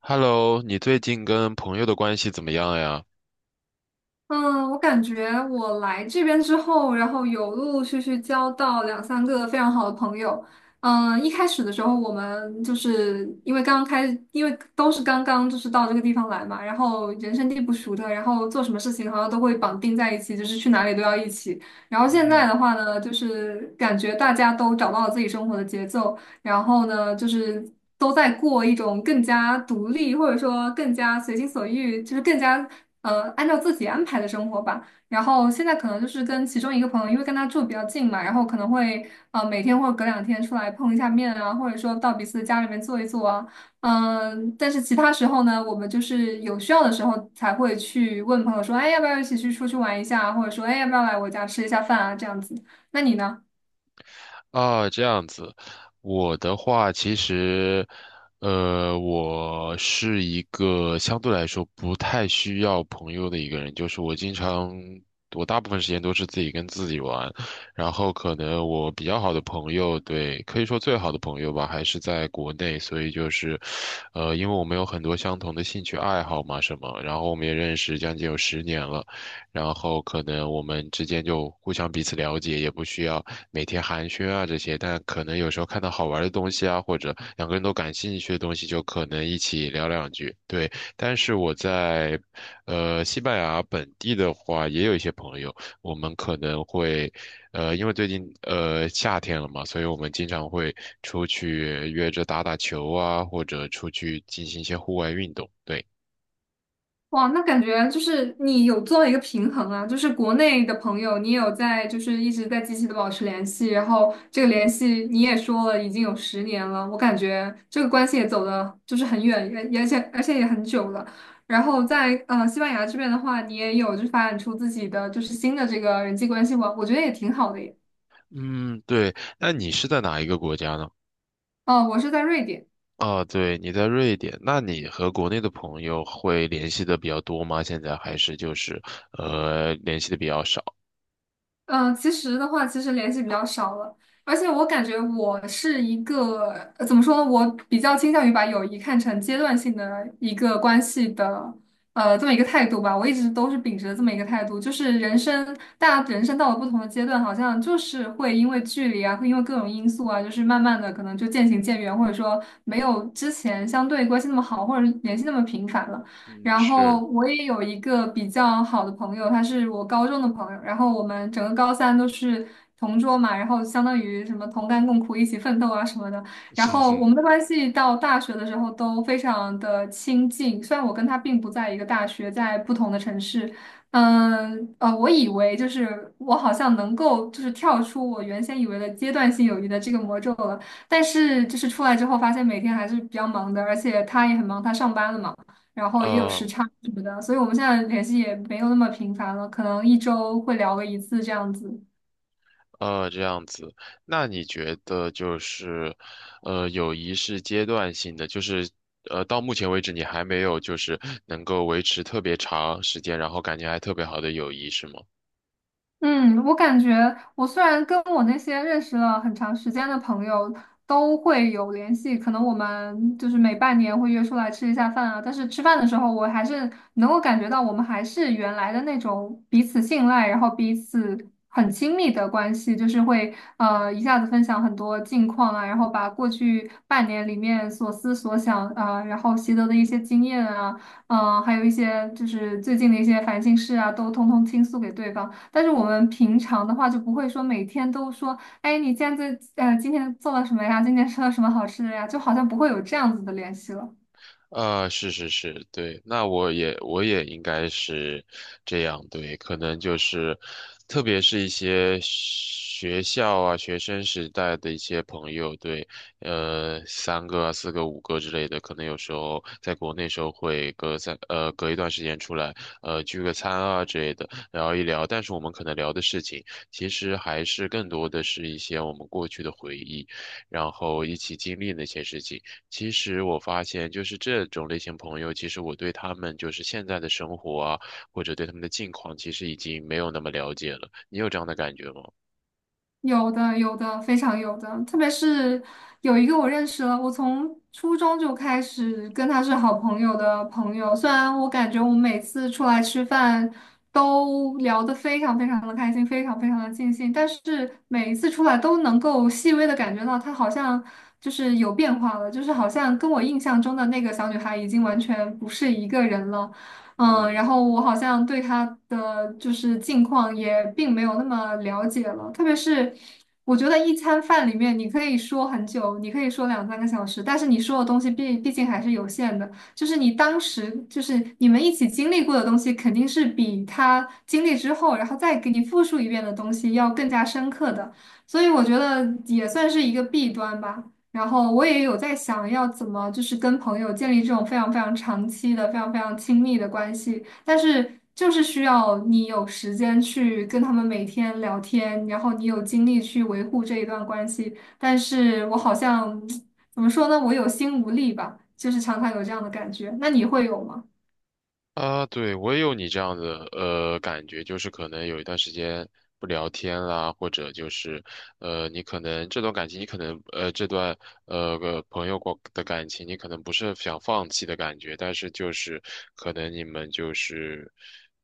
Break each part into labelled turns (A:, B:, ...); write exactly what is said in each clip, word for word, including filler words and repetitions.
A: Hello,你最近跟朋友的关系怎么样呀？
B: 嗯，我感觉我来这边之后，然后有陆陆续续交到两三个非常好的朋友。嗯，一开始的时候，我们就是因为刚刚开，因为都是刚刚就是到这个地方来嘛，然后人生地不熟的，然后做什么事情好像都会绑定在一起，就是去哪里都要一起。然后现在的话呢，就是感觉大家都找到了自己生活的节奏，然后呢，就是都在过一种更加独立，或者说更加随心所欲，就是更加呃按照自己安排的生活吧。然后现在可能就是跟其中一个朋友，因为跟他住比较近嘛，然后可能会呃每天或者隔两天出来碰一下面啊，或者说到彼此的家里面坐一坐啊，嗯、但是其他时候呢，我们就是有需要的时候才会去问朋友说，哎，要不要一起去出去玩一下啊，或者说，哎，要不要来我家吃一下饭啊，这样子。那你呢？
A: 啊，这样子，我的话其实，呃，我是一个相对来说不太需要朋友的一个人，就是我经常，我大部分时间都是自己跟自己玩，然后可能我比较好的朋友，对，可以说最好的朋友吧，还是在国内，所以就是，呃，因为我们有很多相同的兴趣爱好嘛，什么，然后我们也认识将近有十年了。然后可能我们之间就互相彼此了解，也不需要每天寒暄啊这些，但可能有时候看到好玩的东西啊，或者两个人都感兴趣的东西，就可能一起聊两句。对，但是我在呃西班牙本地的话，也有一些朋友，我们可能会呃，因为最近呃夏天了嘛，所以我们经常会出去约着打打球啊，或者出去进行一些户外运动。对，
B: 哇，那感觉就是你有做一个平衡啊，就是国内的朋友，你有在就是一直在积极的保持联系，然后这个联系你也说了已经有十年了，我感觉这个关系也走的就是很远，也而且而且也很久了。然后在呃西班牙这边的话，你也有就是发展出自己的就是新的这个人际关系网，我觉得也挺好的耶。
A: 嗯，对，那你是在哪一个国家呢？
B: 哦，我是在瑞典。
A: 啊，对，你在瑞典，那你和国内的朋友会联系的比较多吗？现在还是就是呃联系的比较少？
B: 嗯，其实的话，其实联系比较少了，而且我感觉我是一个，呃怎么说呢，我比较倾向于把友谊看成阶段性的一个关系的，呃，这么一个态度吧。我一直都是秉持着这么一个态度，就是人生，大家人生到了不同的阶段，好像就是会因为距离啊，会因为各种因素啊，就是慢慢的可能就渐行渐远，或者说没有之前相对关系那么好，或者是联系那么频繁了。
A: 嗯，
B: 然后
A: 是，
B: 我也有一个比较好的朋友，他是我高中的朋友，然后我们整个高三都是同桌嘛，然后相当于什么同甘共苦、一起奋斗啊什么的。然
A: 哼
B: 后我
A: 哼
B: 们的关系到大学的时候都非常的亲近，虽然我跟他并不在一个大学，在不同的城市。嗯，呃，我以为就是我好像能够就是跳出我原先以为的阶段性友谊的这个魔咒了，但是就是出来之后发现每天还是比较忙的，而且他也很忙，他上班了嘛。然后也有时
A: 呃
B: 差什么的，所以我们现在联系也没有那么频繁了，可能一周会聊个一次这样子。
A: 呃这样子。那你觉得就是呃友谊是阶段性的，就是呃到目前为止你还没有就是能够维持特别长时间，然后感情还特别好的友谊是吗？
B: 嗯，我感觉我虽然跟我那些认识了很长时间的朋友都会有联系，可能我们就是每半年会约出来吃一下饭啊，但是吃饭的时候，我还是能够感觉到我们还是原来的那种彼此信赖，然后彼此很亲密的关系，就是会呃一下子分享很多近况啊，然后把过去半年里面所思所想啊，呃然后习得的一些经验啊，嗯、还有一些就是最近的一些烦心事啊，都通通倾诉给对方。但是我们平常的话就不会说每天都说，哎，你现在呃今天做了什么呀？今天吃了什么好吃的呀？就好像不会有这样子的联系了。
A: 啊，是是是，对，那我也我也应该是这样，对，可能就是，特别是一些学校啊、学生时代的一些朋友，对，呃，三个啊、四个、五个之类的，可能有时候在国内时候会隔三呃隔一段时间出来，呃聚个餐啊之类的，聊一聊，但是我们可能聊的事情，其实还是更多的是一些我们过去的回忆，然后一起经历那些事情。其实我发现，就是这种类型朋友，其实我对他们就是现在的生活啊，或者对他们的近况，其实已经没有那么了解了。你有这样的感觉吗？
B: 有的，有的，非常有的。特别是有一个我认识了，我从初中就开始跟他是好朋友的朋友。虽然我感觉我们每次出来吃饭都聊得非常非常的开心，非常非常的尽兴，但是每一次出来都能够细微的感觉到他好像就是有变化了，就是好像跟我印象中的那个小女孩已经完全不是一个人了。嗯，然
A: 嗯。
B: 后我好像对他的就是近况也并没有那么了解了，特别是我觉得一餐饭里面你可以说很久，你可以说两三个小时，但是你说的东西毕毕竟还是有限的，就是你当时就是你们一起经历过的东西，肯定是比他经历之后，然后再给你复述一遍的东西要更加深刻的，所以我觉得也算是一个弊端吧。然后我也有在想要怎么就是跟朋友建立这种非常非常长期的、非常非常亲密的关系，但是就是需要你有时间去跟他们每天聊天，然后你有精力去维护这一段关系，但是我好像 怎么说呢，我有心无力吧，就是常常有这样的感觉。那你会有吗？
A: 啊，对，我也有你这样的呃感觉，就是可能有一段时间不聊天啦，或者就是呃，你可能这段感情，你可能呃这段呃个朋友过的感情，你可能不是想放弃的感觉，但是就是可能你们就是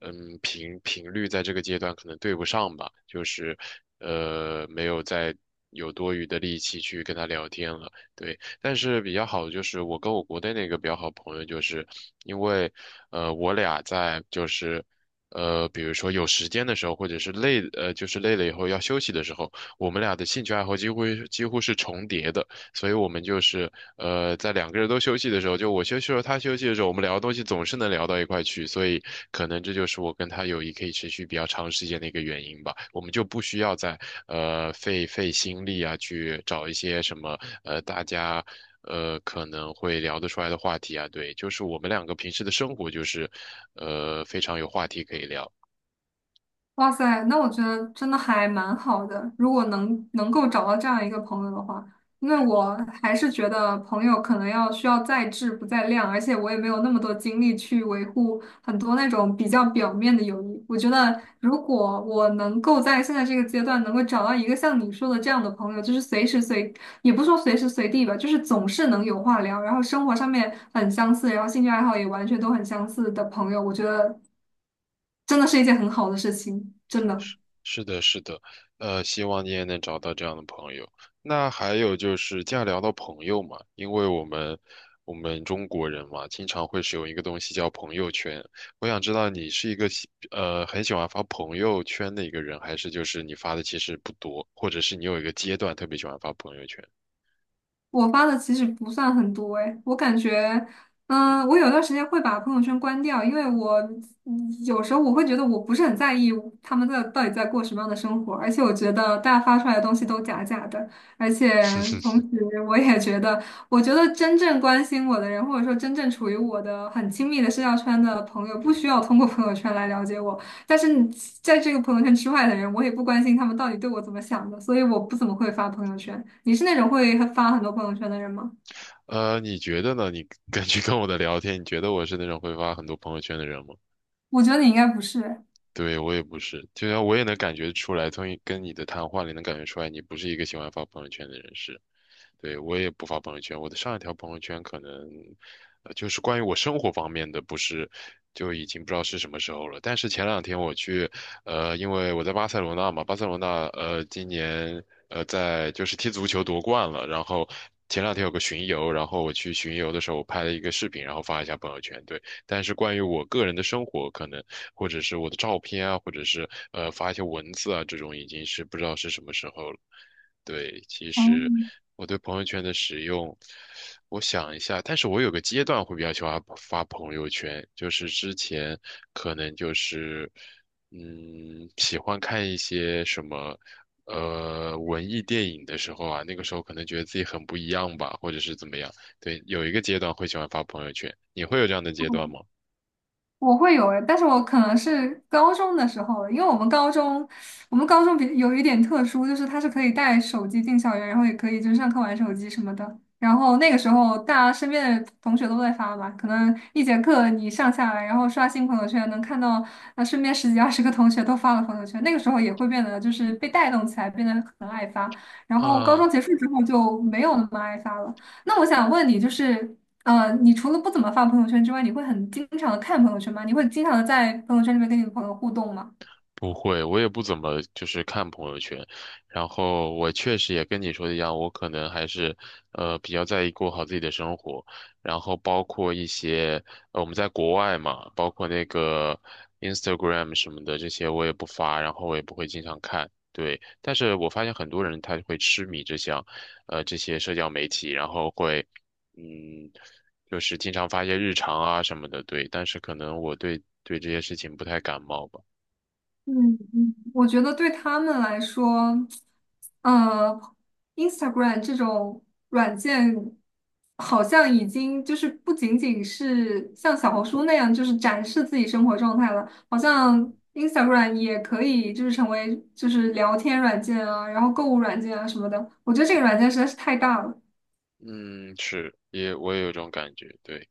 A: 嗯频频率在这个阶段可能对不上吧，就是呃没有再有多余的力气去跟他聊天了，对。但是比较好的就是我跟我国内那个比较好的朋友，就是因为呃我俩在就是呃比如说有时间的时候，或者是累呃就是累了以后要休息的时候，我们俩的兴趣爱好几乎几乎是重叠的。所以我们就是呃，在两个人都休息的时候，就我休息的时候，他休息的时候，我们聊的东西总是能聊到一块去，所以可能这就是我跟他友谊可以持续比较长时间的一个原因吧。我们就不需要再呃费费心力啊，去找一些什么呃大家。呃，可能会聊得出来的话题啊，对，就是我们两个平时的生活就是，呃，非常有话题可以聊。
B: 哇塞，那我觉得真的还蛮好的。如果能能够找到这样一个朋友的话，因为我还是觉得朋友可能要需要在质不在量，而且我也没有那么多精力去维护很多那种比较表面的友谊。我觉得，如果我能够在现在这个阶段能够找到一个像你说的这样的朋友，就是随时随，也不说随时随地吧，就是总是能有话聊，然后生活上面很相似，然后兴趣爱好也完全都很相似的朋友，我觉得真的是一件很好的事情，真的。
A: 是的，是的，呃，希望你也能找到这样的朋友。那还有就是既然聊到朋友嘛，因为我们我们中国人嘛，经常会使用一个东西叫朋友圈。我想知道你是一个喜呃很喜欢发朋友圈的一个人，还是就是你发的其实不多，或者是你有一个阶段特别喜欢发朋友圈？
B: 我发的其实不算很多诶，我感觉，嗯、我有段时间会把朋友圈关掉，因为我嗯有时候我会觉得我不是很在意他们在到底在过什么样的生活，而且我觉得大家发出来的东西都假假的，而且 同时我也觉得，我觉得真正关心我的人，或者说真正处于我的很亲密的社交圈的朋友，不需要通过朋友圈来了解我，但是你在这个朋友圈之外的人，我也不关心他们到底对我怎么想的，所以我不怎么会发朋友圈。你是那种会发很多朋友圈的人吗？
A: 呃，你觉得呢？你 根据跟我的聊天，你觉得我是那种会发很多朋友圈的人吗？
B: 我觉得你应该不是。
A: 对，我也不是，就像我也能感觉出来，从你跟你的谈话里能感觉出来，你不是一个喜欢发朋友圈的人士。对，我也不发朋友圈，我的上一条朋友圈可能，呃，就是关于我生活方面的，不是，就已经不知道是什么时候了。但是前两天我去，呃，因为我在巴塞罗那嘛，巴塞罗那，呃，今年，呃，在就是踢足球夺冠了，然后。前两天有个巡游，然后我去巡游的时候，我拍了一个视频，然后发一下朋友圈。对，但是关于我个人的生活，可能或者是我的照片啊，或者是呃发一些文字啊，这种已经是不知道是什么时候了。对，其实
B: 哦，
A: 我对朋友圈的使用，我想一下，但是我有个阶段会比较喜欢发朋友圈，就是之前可能就是，嗯，喜欢看一些什么，呃，文艺电影的时候啊，那个时候可能觉得自己很不一样吧，或者是怎么样，对，有一个阶段会喜欢发朋友圈，你会有这样的阶段吗？
B: 我会有诶，但是我可能是高中的时候了，因为我们高中，我们高中比有一点特殊，就是它是可以带手机进校园，然后也可以就是上课玩手机什么的。然后那个时候，大家身边的同学都在发嘛，可能一节课你上下来，然后刷新朋友圈，能看到啊身边十几二十个同学都发了朋友圈。那个时候也会变得就是被带动起来，变得很爱发。然后高中
A: 啊。
B: 结束之后就没有那么爱发了。那我想问你，就是呃，你除了不怎么发朋友圈之外，你会很经常的看朋友圈吗？你会经常的在朋友圈里面跟你的朋友互动吗？
A: 不会，我也不怎么就是看朋友圈，然后我确实也跟你说的一样，我可能还是呃比较在意过好自己的生活，然后包括一些呃我们在国外嘛，包括那个 Instagram 什么的这些我也不发，然后我也不会经常看，对，但是我发现很多人他会痴迷这项，呃这些社交媒体，然后会嗯就是经常发一些日常啊什么的，对，但是可能我对对这些事情不太感冒吧。
B: 嗯嗯我觉得对他们来说，呃，Instagram 这种软件好像已经就是不仅仅是像小红书那样，就是展示自己生活状态了，好像 Instagram 也可以就是成为就是聊天软件啊，然后购物软件啊什么的。我觉得这个软件实在是太大了。
A: 嗯，是，也我也有这种感觉，对。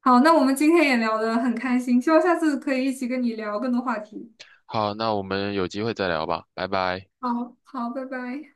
B: 好，那我们今天也聊得很开心，希望下次可以一起跟你聊更多话题。
A: 好，那我们有机会再聊吧，拜拜。
B: 好，好，拜拜。